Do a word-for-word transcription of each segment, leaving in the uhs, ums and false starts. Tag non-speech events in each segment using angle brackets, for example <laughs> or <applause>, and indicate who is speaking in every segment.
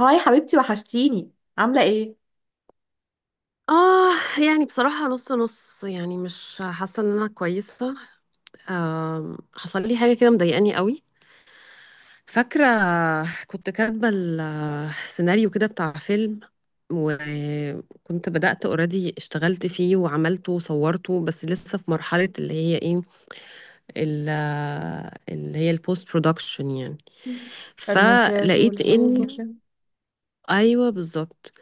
Speaker 1: هاي حبيبتي، وحشتيني. عاملة ايه؟
Speaker 2: اه. يعني بصراحة، نص نص، يعني مش حاسة ان انا كويسة. آم، حصل لي حاجة كده مضايقاني قوي. فاكرة، كنت كاتبة السيناريو كده بتاع فيلم، وكنت بدأت اوريدي اشتغلت فيه وعملته وصورته، بس لسه في مرحلة اللي هي ايه، ال- اللي هي البوست برودكشن يعني.
Speaker 1: مم. المونتاج
Speaker 2: فلقيت
Speaker 1: والصوت
Speaker 2: ان.
Speaker 1: وكده.
Speaker 2: ايوه، بالظبط.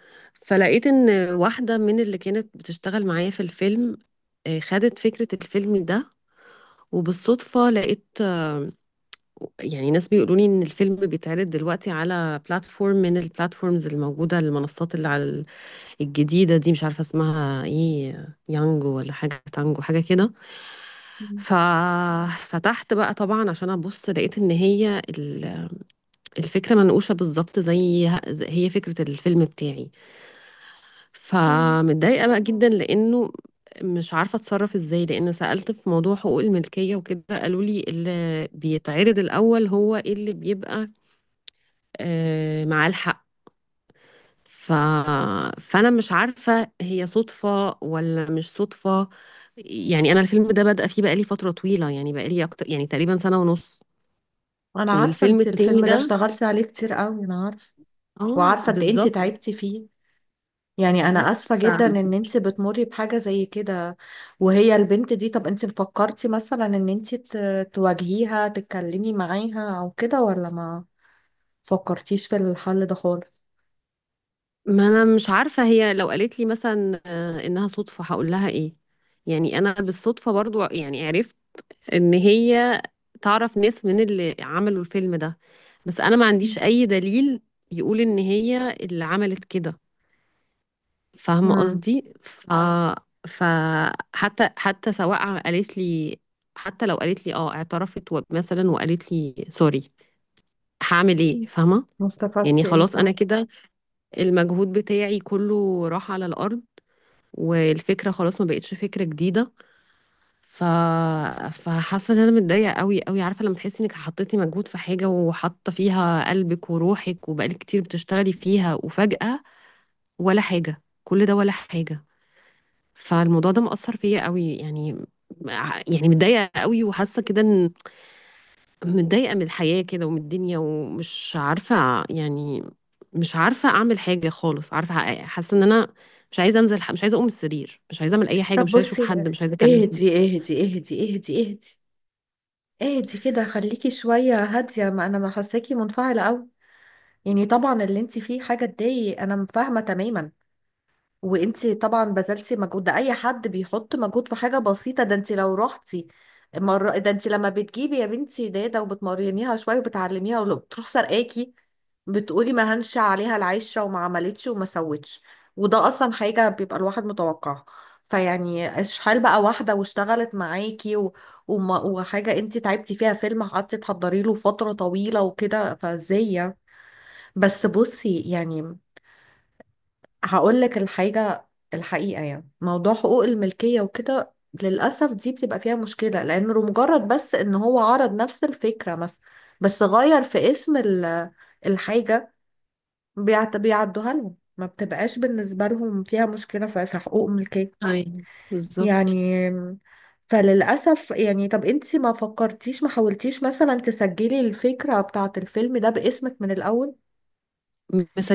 Speaker 2: فلقيت ان واحده من اللي كانت بتشتغل معايا في الفيلم آه، خدت فكره الفيلم ده. وبالصدفه لقيت، آه، يعني ناس بيقولوا لي ان الفيلم بيتعرض دلوقتي على بلاتفورم من البلاتفورمز الموجوده، المنصات اللي على ال- الجديده دي. مش عارفه اسمها ايه، يانجو ولا حاجه، تانجو، حاجه كده.
Speaker 1: مم.
Speaker 2: ففتحت بقى طبعا عشان ابص، لقيت ان هي ال- الفكره منقوشه بالظبط، زي زي- هي فكره الفيلم بتاعي.
Speaker 1: مم.
Speaker 2: فمتضايقة بقى جدا، لأنه مش عارفة اتصرف ازاي، لأن سألت في موضوع حقوق الملكية وكده قالوا لي اللي بيتعرض الأول هو اللي بيبقى آه، معاه الحق. ف... فأنا مش عارفة هي صدفة ولا مش صدفة. يعني أنا الفيلم ده بادئة فيه بقالي فترة طويلة، يعني بقالي أكتر، يعني تقريبا سنة ونص.
Speaker 1: انا عارفة
Speaker 2: والفيلم
Speaker 1: انت
Speaker 2: التاني
Speaker 1: الفيلم ده
Speaker 2: ده.
Speaker 1: اشتغلتي عليه كتير قوي، انا عارفة.
Speaker 2: اه،
Speaker 1: وعارفة قد ايه انت
Speaker 2: بالظبط.
Speaker 1: تعبتي فيه. يعني انا
Speaker 2: بالظبط.
Speaker 1: اسفة
Speaker 2: ف...
Speaker 1: جدا ان انت بتمري بحاجة زي كده. وهي البنت دي، طب انت فكرتي مثلا ان انت ت- تواجهيها، تتكلمي معاها او كده، ولا ما فكرتيش في الحل ده خالص؟
Speaker 2: ما انا مش عارفه، هي لو قالت لي مثلا آه، انها صدفه هقول لها ايه؟ يعني انا بالصدفه برضو يعني عرفت ان هي تعرف ناس من اللي عملوا الفيلم ده، بس انا ما عنديش
Speaker 1: مم.
Speaker 2: اي دليل يقول ان هي اللي عملت كده، فاهمه
Speaker 1: مم.
Speaker 2: قصدي. ف فحتى حتى حتى سواء قالت لي، حتى لو قالت لي اه اعترفت و- مثلا وقالت لي سوري، هعمل ايه؟ فاهمه؟
Speaker 1: ما
Speaker 2: يعني
Speaker 1: استفدتي ايه،
Speaker 2: خلاص
Speaker 1: صح؟
Speaker 2: انا كده، المجهود بتاعي كله راح على الارض، والفكره خلاص ما بقتش فكره جديده. ف فحاسه ان انا متضايقه قوي قوي. عارفه لما تحسي انك حطيتي مجهود في حاجه، وحاطه فيها قلبك وروحك، وبقالك كتير بتشتغلي فيها، وفجاه ولا حاجه، كل ده ولا حاجه. فالموضوع ده مأثر فيا قوي يعني. يعني متضايقه قوي، وحاسه كده ان متضايقه من الحياه كده، ومن الدنيا، ومش عارفه يعني. مش عارفه اعمل حاجه خالص، عارفه، حاسه ان انا مش عايزه انزل، مش عايزه اقوم من السرير، مش عايزه اعمل اي حاجه،
Speaker 1: طب
Speaker 2: مش عايزه اشوف
Speaker 1: بصي،
Speaker 2: حد، مش عايزه اكلم.
Speaker 1: اهدي اهدي اهدي. اهدي. اهدي اهدي كده، خليكي شوية هادية، ما انا ما حاساكي منفعلة قوي. يعني طبعا اللي انت فيه حاجة تضايق، انا فاهمة تماما. وانتي طبعا بذلتي مجهود، ده اي حد بيحط مجهود في حاجه بسيطه، ده انتي لو رحتي مرة، ده انتي لما بتجيبي يا بنتي داده وبتمرنيها شويه وبتعلميها، ولو بتروح سرقاكي بتقولي ما هنش عليها العشره وما عملتش وما سوتش. وده اصلا حاجه بيبقى الواحد متوقعها. فيعني اشحال بقى واحده واشتغلت معاكي و... وما... وحاجه انتي تعبتي فيها، فيلم قعدتي تحضري له فتره طويله وكده، فازاي يعني؟ بس بصي، يعني هقول لك الحاجة الحقيقة. يعني موضوع حقوق الملكية وكده، للأسف دي بتبقى فيها مشكلة، لأنه مجرد بس إن هو عرض نفس الفكرة مثلا، بس غير في اسم ال- الحاجة، بيعت- بيعدوها لهم، ما بتبقاش بالنسبة لهم فيها مشكلة في في حقوق الملكية.
Speaker 2: ايوه، بالظبط.
Speaker 1: يعني فللأسف. يعني طب انتي ما فكرتيش، ما حاولتيش مثلا تسجلي الفكرة بتاعة الفيلم ده باسمك من الأول؟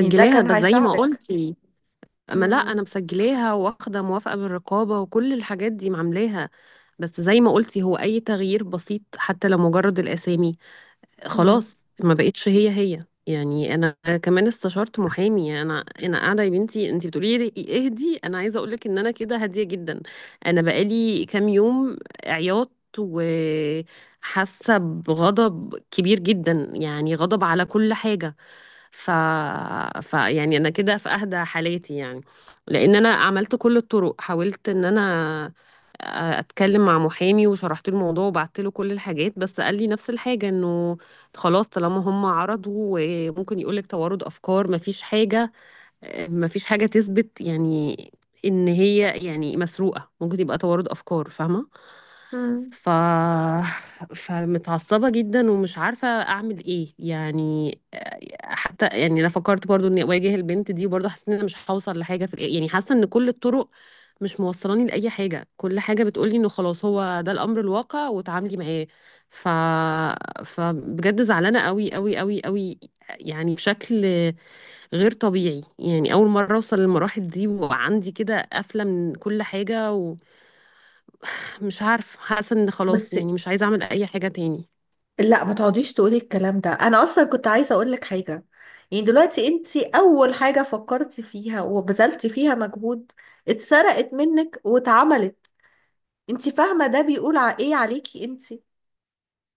Speaker 1: يعني ده كان
Speaker 2: بس زي ما
Speaker 1: هيساعدك.
Speaker 2: قلتي. ما لا انا
Speaker 1: مم.
Speaker 2: مسجلاها، واخده موافقه من الرقابه، وكل الحاجات دي معاملاها. بس زي ما قلتي، هو اي تغيير بسيط حتى لو مجرد الاسامي
Speaker 1: مم.
Speaker 2: خلاص ما بقتش هي هي يعني انا. كمان استشرت محامي. يعني انا انا قاعده يا بنتي، انت بتقولي لي اهدي، انا عايزه اقول لك ان انا كده هاديه جدا. انا بقالي كام يوم عياط، وحاسه بغضب كبير جدا، يعني غضب على كل حاجه. ف... ف يعني انا كده في اهدى حالاتي يعني، لان انا عملت كل الطرق. حاولت ان انا آه، اتكلم مع محامي وشرحت له الموضوع وبعت له كل الحاجات، بس قال لي نفس الحاجه، انه خلاص طالما هم عرضوا، وممكن يقول لك توارد افكار، مفيش حاجه آه، مفيش حاجه تثبت يعني ان هي يعني مسروقه، ممكن يبقى توارد افكار، فاهمه؟
Speaker 1: مم.
Speaker 2: ف <laughs> فمتعصبة جدا، ومش عارفة أعمل إيه يعني آه، حتى يعني أنا فكرت برضو إني أواجه البنت دي، وبرضو حسيت إن أنا مش هوصل لحاجة في الآخر. يعني حاسة إن كل الطرق مش موصلاني لأي حاجة. كل حاجة بتقولي إنه خلاص هو ده الأمر الواقع وتعاملي معاه. ف فبجد زعلانة قوي قوي قوي قوي، يعني بشكل غير طبيعي. يعني أول مرة أوصل للمراحل دي، وعندي كده قفلة من كل حاجة. مش عارفة، حاسة ان خلاص،
Speaker 1: بس
Speaker 2: يعني مش عايزة اعمل اي حاجة تاني.
Speaker 1: لا، ما تقعديش تقولي الكلام ده، انا اصلا كنت عايزه اقول لك حاجه. يعني دلوقتي انت اول حاجه فكرتي فيها وبذلتي فيها مجهود، اتسرقت منك واتعملت. انت فاهمه ده بيقول ع- ايه عليكي انت؟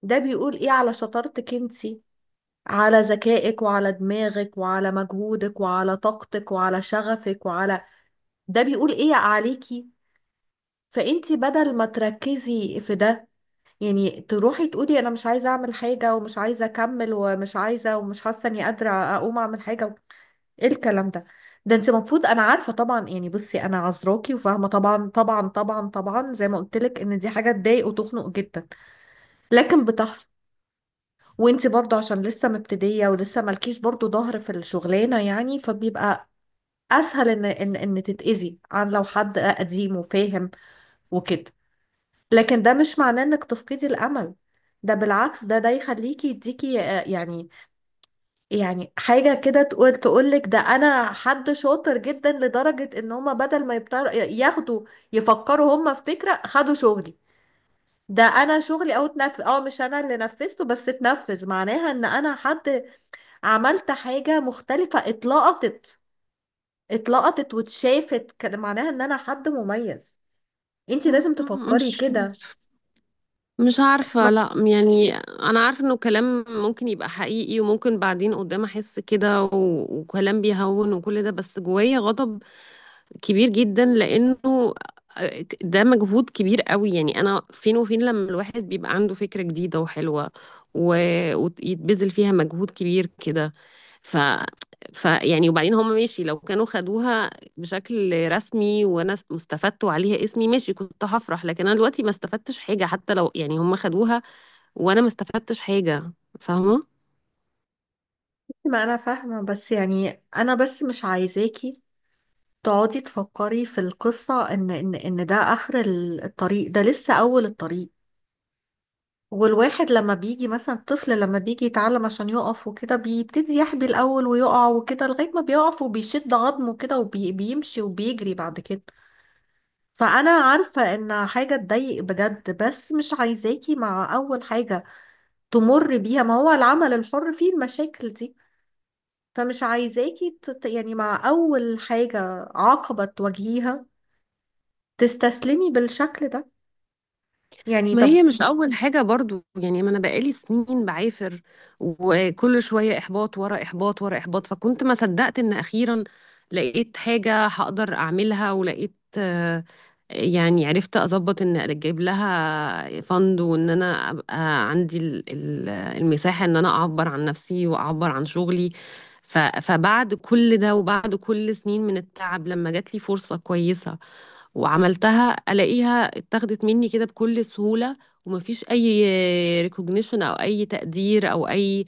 Speaker 1: ده بيقول ايه على شطارتك انت، على ذكائك وعلى دماغك وعلى مجهودك وعلى طاقتك وعلى شغفك وعلى ده بيقول ايه عليكي. فانت بدل ما تركزي في ده، يعني تروحي تقولي انا مش عايزه اعمل حاجه ومش عايزه اكمل ومش عايزه ومش حاسه اني قادره اقوم اعمل حاجه و- ايه الكلام ده؟ ده انت المفروض، انا عارفه طبعا يعني، بصي انا عذراكي وفاهمه طبعا طبعا طبعا طبعا، زي ما قلت لك ان دي حاجه تضايق وتخنق جدا، لكن بتحصل. وانت برضه عشان لسه مبتديه ولسه مالكيش برضه ظهر في الشغلانه، يعني فبيبقى اسهل ان ان ان تتاذي، عن لو حد قديم وفاهم وكده. لكن ده مش معناه انك تفقدي الامل. ده بالعكس، ده ده يخليكي يديكي آه، يعني، يعني حاجة كده تقول، تقولك ده انا حد شاطر جدا، لدرجة ان هما بدل ما يبتر... ياخدوا، يفكروا هما في فكرة، خدوا شغلي. ده انا شغلي او اتنفذ، اه مش انا اللي نفذته، بس اتنفذ، معناها ان انا حد عملت حاجة مختلفة. اتلقطت، اتلقطت واتشافت، كان معناها ان انا حد مميز. انتي لازم تفكري
Speaker 2: مش
Speaker 1: كده.
Speaker 2: مش عارفة.
Speaker 1: ما
Speaker 2: لا يعني أنا عارفة إنه كلام ممكن يبقى حقيقي، وممكن بعدين قدام أحس كده و... وكلام بيهون وكل ده، بس جوايا غضب كبير جدا لانه آه، ده مجهود كبير قوي. يعني انا فين وفين، لما الواحد بيبقى عنده فكرة جديدة وحلوة و... ويتبذل فيها مجهود كبير كده. ف... ف يعني وبعدين هم ماشي، لو كانوا خدوها بشكل رسمي وانا استفدت وعليها اسمي ماشي، كنت هفرح. لكن انا دلوقتي ما استفدتش حاجة. حتى لو يعني هم خدوها، وانا ما استفدتش حاجة، فاهمة؟
Speaker 1: ما انا فاهمه، بس يعني انا بس مش عايزاكي تقعدي تفكري في القصه ان ان ان ده اخر ال- الطريق. ده لسه اول الطريق. والواحد لما بيجي مثلا، الطفل لما بيجي يتعلم عشان يقف وكده، بيبتدي يحبي الاول ويقع وكده لغايه ما بيقف وبيشد عظمه كده وبيمشي وبيجري بعد كده. فانا عارفه ان حاجه تضايق بجد، بس مش عايزاكي مع اول حاجه تمر بيها، ما هو العمل الحر فيه المشاكل دي. فمش عايزاكي تت... يعني مع أول حاجة، عقبة تواجهيها تستسلمي بالشكل ده. يعني
Speaker 2: ما
Speaker 1: طب،
Speaker 2: هي مش أول حاجة برضو، يعني ما أنا بقالي سنين بعافر، وكل شوية إحباط ورا إحباط ورا إحباط. فكنت ما صدقت إن أخيرا لقيت حاجة هقدر أعملها، ولقيت آه، يعني عرفت أظبط إن أجيب لها فند، وإن أنا أبقى عندي ال- ال- المساحة إن أنا أعبر عن نفسي وأعبر عن شغلي. ف- فبعد كل ده، وبعد كل سنين من التعب، لما جات لي فرصة كويسة وعملتها، الاقيها اتاخدت مني كده بكل سهولة، ومفيش اي ريكوجنيشن او اي تقدير او اي،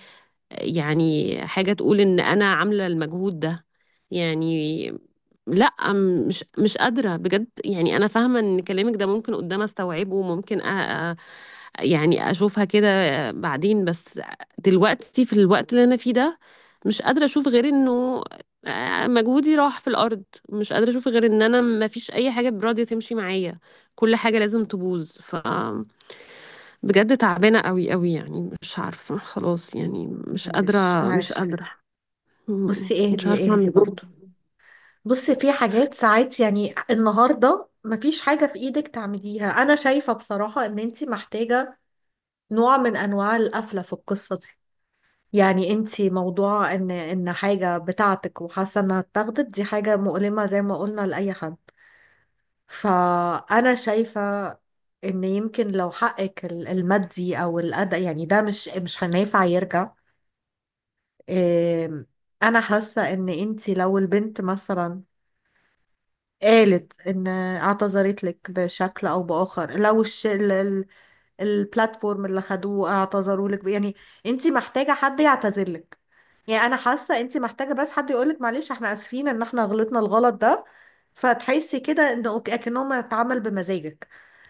Speaker 2: يعني حاجة تقول ان انا عاملة المجهود ده يعني. لا م- مش مش قادرة بجد. يعني انا فاهمة ان كلامك ده ممكن قدام استوعبه، وممكن أ- يعني اشوفها كده بعدين، بس دلوقتي في الوقت اللي انا فيه ده مش قادرة اشوف غير انه مجهودي راح في الارض. مش قادرة اشوف غير ان انا ما فيش اي حاجة براضية تمشي معايا، كل حاجة لازم تبوظ. ف بجد تعبانة قوي قوي، يعني مش عارفة خلاص، يعني مش
Speaker 1: معلش
Speaker 2: قادرة، مش
Speaker 1: معلش.
Speaker 2: قادرة. م-
Speaker 1: بصي
Speaker 2: مش
Speaker 1: اهدي
Speaker 2: عارفة
Speaker 1: اهدي
Speaker 2: اعمل إيه.
Speaker 1: برضو. بصي في حاجات ساعات، يعني النهاردة مفيش حاجة في ايدك تعمليها، أنا شايفة بصراحة إن انتي محتاجة نوع من أنواع القفلة في القصة دي. يعني انتي موضوع ان ان حاجة بتاعتك وحاسة انها اتاخدت، دي حاجة مؤلمة زي ما قلنا لأي حد. فأنا شايفة إن يمكن لو حقك ال- المادي أو الأداء يعني، ده مش مش هينفع يرجع. إيه، أنا حاسة إن أنتي لو البنت مثلا قالت إن اعتذرت لك بشكل أو بآخر، لو الش... البلاتفورم اللي خدوه اعتذروا لك، يعني انت محتاجه حد يعتذر لك. يعني انا حاسه انت محتاجه بس حد يقول لك معلش احنا اسفين ان احنا غلطنا الغلط ده، فتحسي كده ان أوك- اكنهم اتعمل بمزاجك،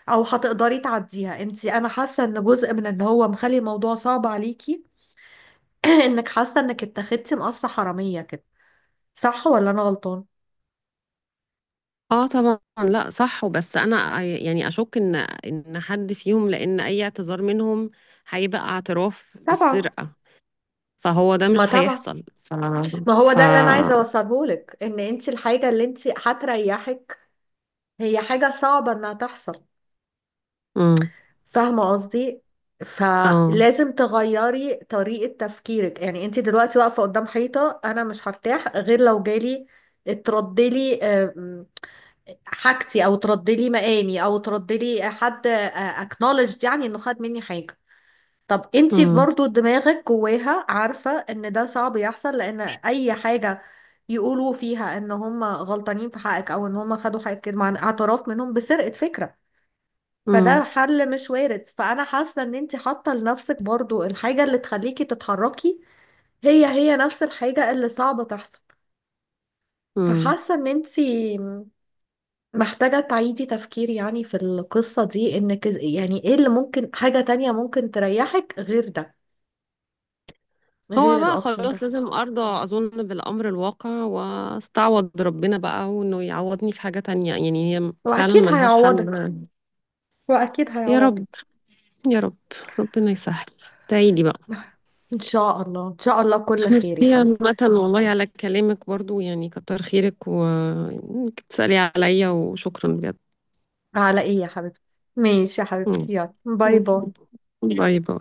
Speaker 1: او هتقدري تعديها انت. انا حاسه ان جزء من ان هو مخلي الموضوع صعب عليكي <clears throat> انك حاسه انك اتخذتي مقصه حراميه كده، صح ولا انا غلطان؟
Speaker 2: اه، طبعا. لا، صح. وبس انا يعني اشك ان ان حد فيهم، لان اي اعتذار منهم هيبقى اعتراف
Speaker 1: طبعا،
Speaker 2: بالسرقة، فهو ده
Speaker 1: ما
Speaker 2: مش
Speaker 1: طبعا.
Speaker 2: هيحصل. ف
Speaker 1: ما هو
Speaker 2: ف
Speaker 1: ده اللي انا عايزه اوصله لك، ان انت الحاجه اللي انت هتريحك هي حاجه صعبه انها تحصل.
Speaker 2: امم.
Speaker 1: فاهمة قصدي؟
Speaker 2: اه.
Speaker 1: فلازم تغيري طريقة تفكيرك. يعني انت دلوقتي واقفة قدام حيطة، انا مش هرتاح غير لو جالي تردلي آم، حاجتي، او تردلي مقامي، او تردلي حد اكنولج يعني انه خد مني حاجة. طب انت
Speaker 2: امم.
Speaker 1: برضو دماغك جواها عارفة ان ده صعب يحصل، لان اي حاجة يقولوا فيها ان هم غلطانين في حقك او ان هم خدوا حقك مع اعتراف منهم بسرقة فكرة، فده
Speaker 2: امم.
Speaker 1: حل مش وارد. فانا حاسه ان انت حاطه لنفسك برضو الحاجه اللي تخليكي تتحركي، هي هي نفس الحاجه اللي صعبه تحصل.
Speaker 2: امم.
Speaker 1: فحاسه ان انت محتاجه تعيدي تفكير يعني في القصه دي، انك إز- يعني ايه اللي ممكن، حاجه تانية ممكن تريحك غير ده،
Speaker 2: هو
Speaker 1: غير
Speaker 2: بقى
Speaker 1: الاوبشن
Speaker 2: خلاص
Speaker 1: ده.
Speaker 2: لازم ارضى اظن بالامر الواقع، واستعوض ربنا بقى، وانه يعوضني في حاجة تانية، يعني هي فعلا
Speaker 1: واكيد
Speaker 2: ملهاش حل.
Speaker 1: هيعوضك، واكيد
Speaker 2: يا
Speaker 1: هيعوضك.
Speaker 2: رب، يا رب. ربنا يسهل. تعيدي بقى.
Speaker 1: <laughs> ان شاء الله ان شاء الله كل خير يا
Speaker 2: ميرسي
Speaker 1: حبيبتي.
Speaker 2: عامة، والله على كلامك برضو، يعني كتر خيرك وانك تسألي عليا، وشكرا بجد.
Speaker 1: على ايه يا حبيبتي؟ ماشي يا
Speaker 2: مم.
Speaker 1: حبيبتي، يلا باي
Speaker 2: مم.
Speaker 1: باي.
Speaker 2: باي باي.